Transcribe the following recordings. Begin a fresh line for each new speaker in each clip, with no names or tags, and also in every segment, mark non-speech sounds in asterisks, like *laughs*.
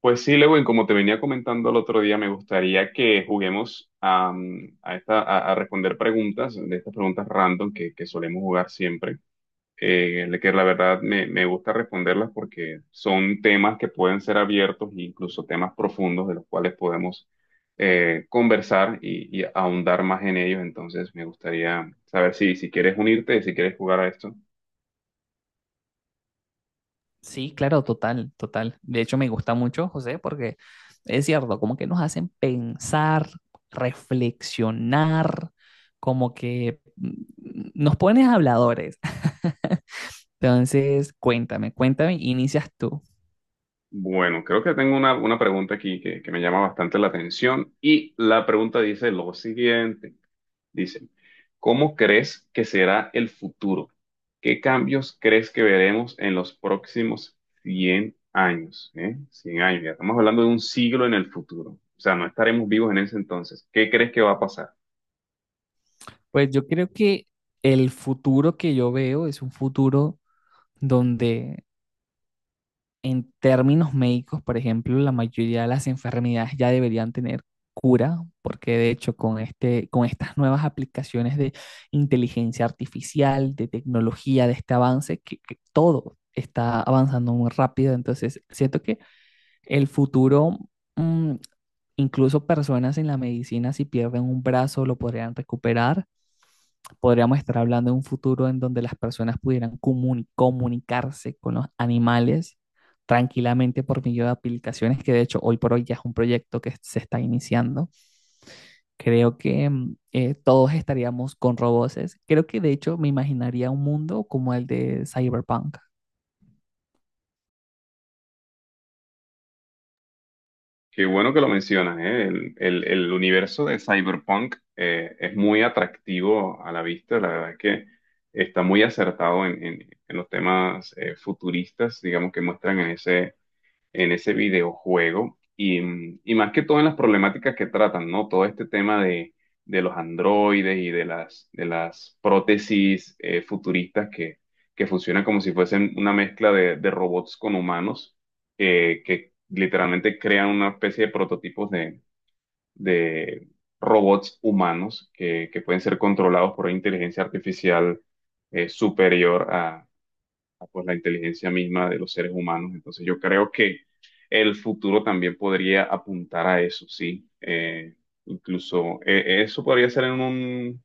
Pues sí, Lewin, como te venía comentando el otro día, me gustaría que juguemos a, mm, a esta, a responder preguntas, de estas preguntas random que solemos jugar siempre, que la verdad me gusta responderlas porque son temas que pueden ser abiertos e incluso temas profundos de los cuales podemos conversar y ahondar más en ellos. Entonces, me gustaría saber si quieres unirte, si quieres jugar a esto.
Sí, claro, total, total. De hecho, me gusta mucho, José, porque es cierto, como que nos hacen pensar, reflexionar, como que mm, nos pones habladores. *laughs* Entonces, cuéntame, cuéntame, inicias tú.
Bueno, creo que tengo una pregunta aquí que me llama bastante la atención y la pregunta dice lo siguiente. Dice, ¿cómo crees que será el futuro? ¿Qué cambios crees que veremos en los próximos 100 años? 100 años, ya estamos hablando de un siglo en el futuro. O sea, no estaremos vivos en ese entonces. ¿Qué crees que va a pasar?
Pues yo creo que el futuro que yo veo es un futuro donde, en términos médicos, por ejemplo, la mayoría de las enfermedades ya deberían tener cura, porque de hecho con estas nuevas aplicaciones de inteligencia artificial, de tecnología, de este avance, que todo está avanzando muy rápido. Entonces, siento que el futuro, mm, incluso personas en la medicina, si pierden un brazo, lo podrían recuperar. Podríamos estar hablando de un futuro en donde las personas pudieran comunicarse con los animales tranquilamente por medio de aplicaciones, que de hecho hoy por hoy ya es un proyecto que se está iniciando. Creo que todos estaríamos con robots. Creo que de hecho me imaginaría un mundo como el de Cyberpunk.
Qué bueno que lo mencionas, ¿eh? El universo de Cyberpunk es muy atractivo a la vista, la verdad es que está muy acertado en los temas futuristas, digamos, que muestran en ese videojuego y más que todo en las problemáticas que tratan, ¿no? Todo este tema de los androides y de las prótesis futuristas que funcionan como si fuesen una mezcla de robots con humanos, que literalmente crean una especie de prototipos de robots humanos que pueden ser controlados por una inteligencia artificial superior a, pues la inteligencia misma de los seres humanos. Entonces yo creo que el futuro también podría apuntar a eso, sí. Incluso eso podría ser en un,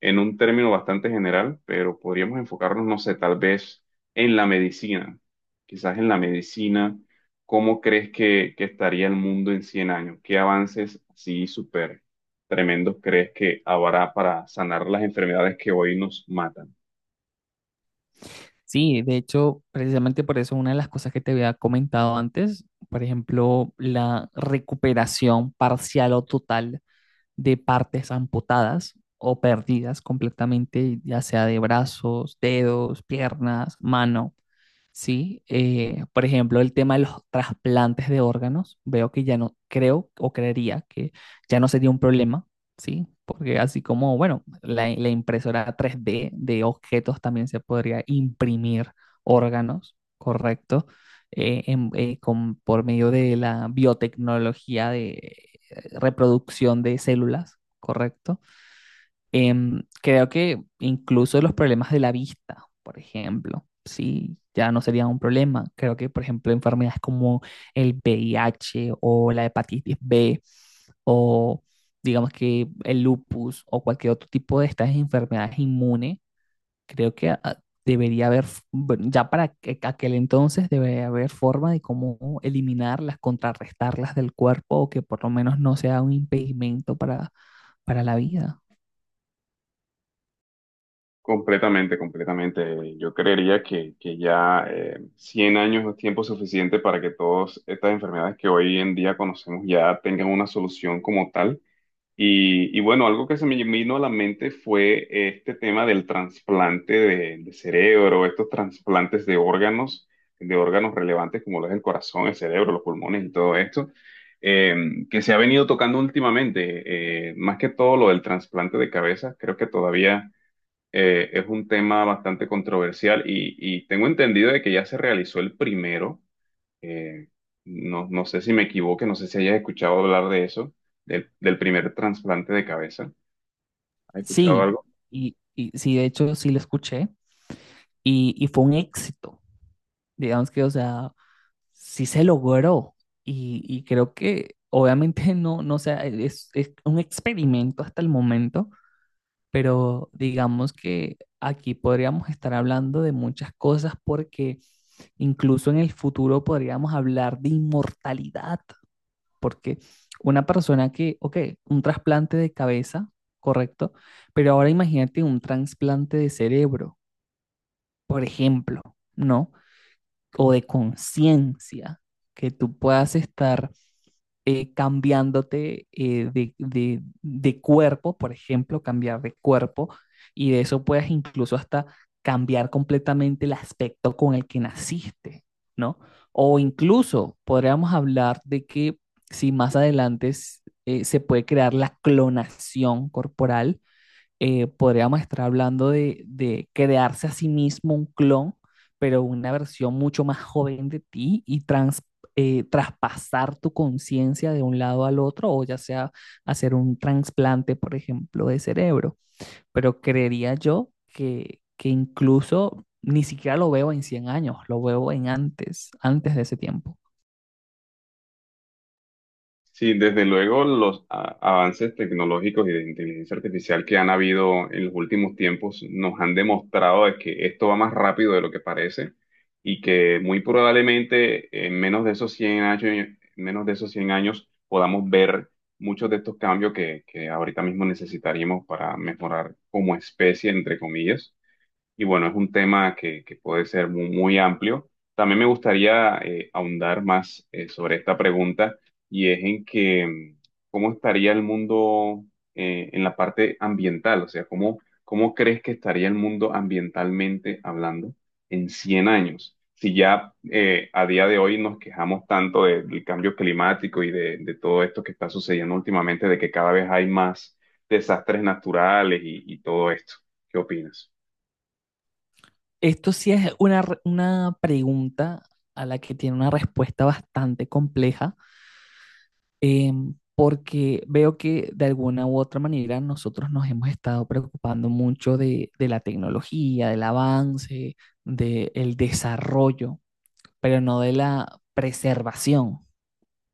en un término bastante general, pero podríamos enfocarnos, no sé, tal vez en la medicina. Quizás en la medicina, ¿cómo crees que estaría el mundo en 100 años? ¿Qué avances así súper tremendos crees que habrá para sanar las enfermedades que hoy nos matan?
Sí, de hecho, precisamente por eso, una de las cosas que te había comentado antes, por ejemplo, la recuperación parcial o total de partes amputadas o perdidas completamente, ya sea de brazos, dedos, piernas, mano. Sí, por ejemplo, el tema de los trasplantes de órganos, veo que ya no creo o creería que ya no sería un problema, ¿sí? Porque así como, bueno, la impresora 3D de objetos también se podría imprimir órganos, ¿correcto? Por medio de la biotecnología de reproducción de células, ¿correcto? Creo que incluso los problemas de la vista, por ejemplo, sí, ya no serían un problema. Creo que, por ejemplo, enfermedades como el VIH o la hepatitis B, o digamos que el lupus o cualquier otro tipo de estas enfermedades inmunes, creo que debería haber, bueno, ya para aquel entonces debería haber forma de cómo eliminarlas, contrarrestarlas del cuerpo, o que por lo menos no sea un impedimento para la vida.
Completamente, completamente. Yo creería que ya 100 años es tiempo suficiente para que todas estas enfermedades que hoy en día conocemos ya tengan una solución como tal. Y bueno, algo que se me vino a la mente fue este tema del trasplante de cerebro, estos trasplantes de órganos relevantes como lo es el corazón, el cerebro, los pulmones y todo esto, eh, que se ha venido tocando últimamente. Más que todo lo del trasplante de cabeza, creo que todavía es un tema bastante controversial y tengo entendido de que ya se realizó el primero. Eh, no sé si me equivoque, no sé si hayas escuchado hablar de eso, del primer trasplante de cabeza. ¿Has escuchado
Sí,
algo?
y sí, de hecho sí lo escuché y fue un éxito. Digamos que, o sea, sí se logró, y creo que obviamente no, no sea, es un experimento hasta el momento, pero digamos que aquí podríamos estar hablando de muchas cosas, porque incluso en el futuro podríamos hablar de inmortalidad, porque una persona que, ok, un trasplante de cabeza, correcto, pero ahora imagínate un trasplante de cerebro, por ejemplo, ¿no? O de conciencia, que tú puedas estar cambiándote de cuerpo, por ejemplo, cambiar de cuerpo, y de eso puedes incluso hasta cambiar completamente el aspecto con el que naciste, ¿no? O incluso podríamos hablar de que, si más adelante se puede crear la clonación corporal, podríamos estar hablando de crearse a sí mismo un clon, pero una versión mucho más joven de ti, y traspasar tu conciencia de un lado al otro, o ya sea hacer un trasplante, por ejemplo, de cerebro. Pero creería yo que incluso ni siquiera lo veo en 100 años, lo veo en antes, antes de ese tiempo.
Sí, desde luego los avances tecnológicos y de inteligencia artificial que han habido en los últimos tiempos nos han demostrado de que esto va más rápido de lo que parece y que muy probablemente en menos de esos 100 años, menos de esos 100 años podamos ver muchos de estos cambios que ahorita mismo necesitaríamos para mejorar como especie, entre comillas. Y bueno, es un tema que puede ser muy amplio. También me gustaría ahondar más sobre esta pregunta y es en que cómo estaría el mundo en la parte ambiental, o sea, cómo crees que estaría el mundo ambientalmente hablando en 100 años. Si ya a día de hoy nos quejamos tanto del cambio climático y de todo esto que está sucediendo últimamente, de que cada vez hay más desastres naturales y todo esto. ¿Qué opinas?
Esto sí es una pregunta a la que tiene una respuesta bastante compleja, porque veo que de alguna u otra manera nosotros nos hemos estado preocupando mucho de la tecnología, del avance, del desarrollo, pero no de la preservación,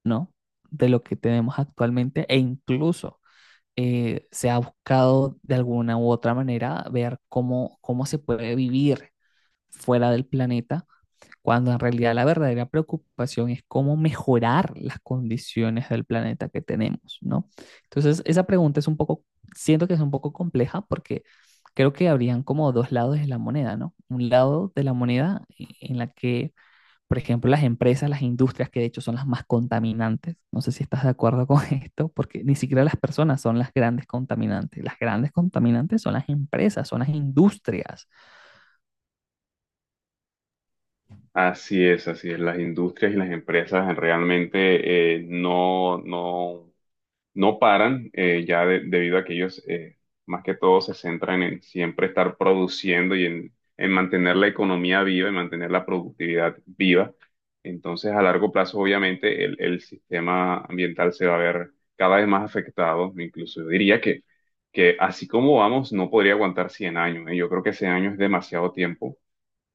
¿no? De lo que tenemos actualmente. E incluso se ha buscado de alguna u otra manera ver cómo se puede vivir fuera del planeta, cuando en realidad la verdadera preocupación es cómo mejorar las condiciones del planeta que tenemos, ¿no? Entonces, esa pregunta es un poco, siento que es un poco compleja, porque creo que habrían como dos lados de la moneda, ¿no? Un lado de la moneda en la que, por ejemplo, las empresas, las industrias, que de hecho son las más contaminantes, no sé si estás de acuerdo con *laughs* esto, porque ni siquiera las personas son las grandes contaminantes; las grandes contaminantes son las empresas, son las industrias.
Así es, así es. Las industrias y las empresas realmente no paran, ya debido a que ellos más que todo se centran en siempre estar produciendo y en mantener la economía viva y mantener la productividad viva. Entonces, a largo plazo, obviamente, el sistema ambiental se va a ver cada vez más afectado. Incluso yo diría que así como vamos, no podría aguantar 100 años, ¿eh? Yo creo que 100 años es demasiado tiempo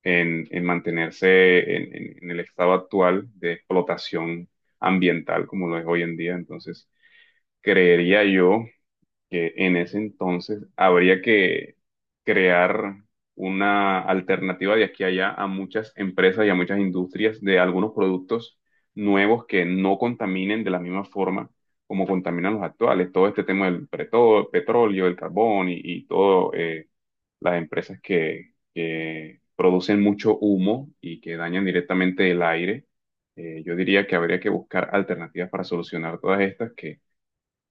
en mantenerse en el estado actual de explotación ambiental como lo es hoy en día. Entonces, creería yo que en ese entonces habría que crear una alternativa de aquí a allá a muchas empresas y a muchas industrias de algunos productos nuevos que no contaminen de la misma forma como contaminan los actuales. Todo este tema del petróleo, el carbón y todo. Las empresas que producen mucho humo y que dañan directamente el aire. Yo diría que habría que buscar alternativas para solucionar todas estas, que,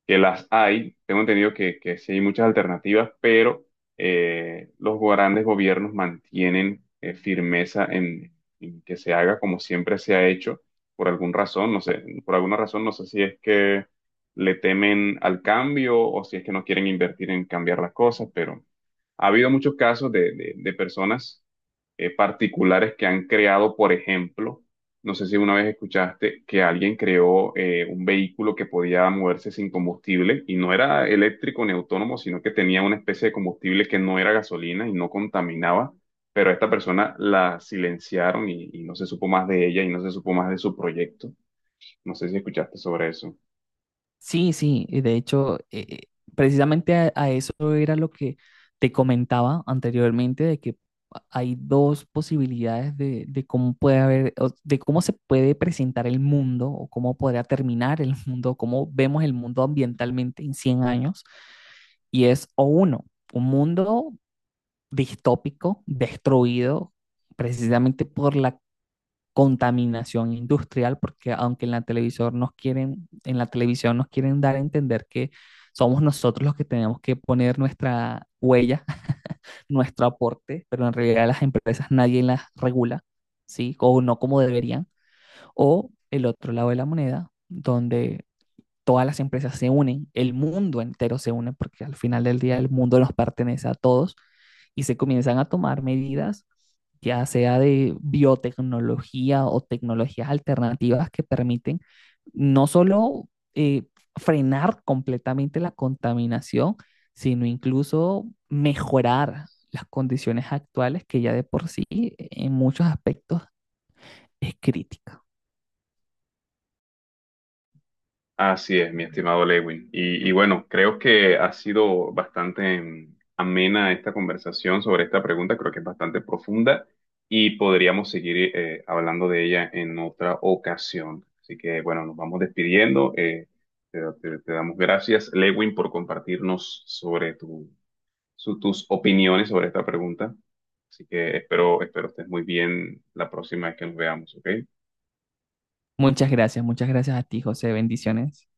que las hay. Tengo entendido que sí hay muchas alternativas, pero los grandes gobiernos mantienen firmeza en que se haga como siempre se ha hecho, por alguna razón, no sé, por alguna razón, no sé si es que le temen al cambio o si es que no quieren invertir en cambiar las cosas, pero ha habido muchos casos de, de personas particulares que han creado, por ejemplo, no sé si una vez escuchaste que alguien creó un vehículo que podía moverse sin combustible y no era eléctrico ni autónomo, sino que tenía una especie de combustible que no era gasolina y no contaminaba, pero a esta persona la silenciaron y no se supo más de ella y no se supo más de su proyecto. No sé si escuchaste sobre eso.
Sí, sí, y de hecho, precisamente a eso era lo que te comentaba anteriormente, de que hay dos posibilidades de, cómo puede haber, o de cómo se puede presentar el mundo, o cómo podría terminar el *laughs* mundo, cómo vemos el mundo ambientalmente en 100 años. Y es, o uno, un mundo distópico, destruido precisamente por la contaminación industrial, porque aunque en la televisión nos quieren, en la televisión nos quieren dar a entender que somos nosotros los que tenemos que poner nuestra huella, *laughs* nuestro aporte, pero en realidad las empresas nadie las regula, ¿sí? O no como deberían. O el otro lado de la moneda, donde todas las empresas se unen, el mundo entero se une, porque al final del día el mundo nos pertenece a todos, y se comienzan a tomar medidas, ya sea de biotecnología o tecnologías alternativas que permiten no solo eh, frenar completamente la contaminación, sino incluso mejorar las condiciones actuales, que ya de por sí en muchos aspectos es crítica.
Así es, mi estimado Lewin. Y bueno, creo que ha sido bastante amena esta conversación sobre esta pregunta, creo que es bastante profunda y podríamos seguir hablando de ella en otra ocasión. Así que bueno, nos vamos despidiendo. Te damos gracias, Lewin, por compartirnos sobre tus opiniones sobre esta pregunta. Así que espero estés muy bien la próxima vez que nos veamos, ¿ok?
Muchas gracias a ti, José. Bendiciones.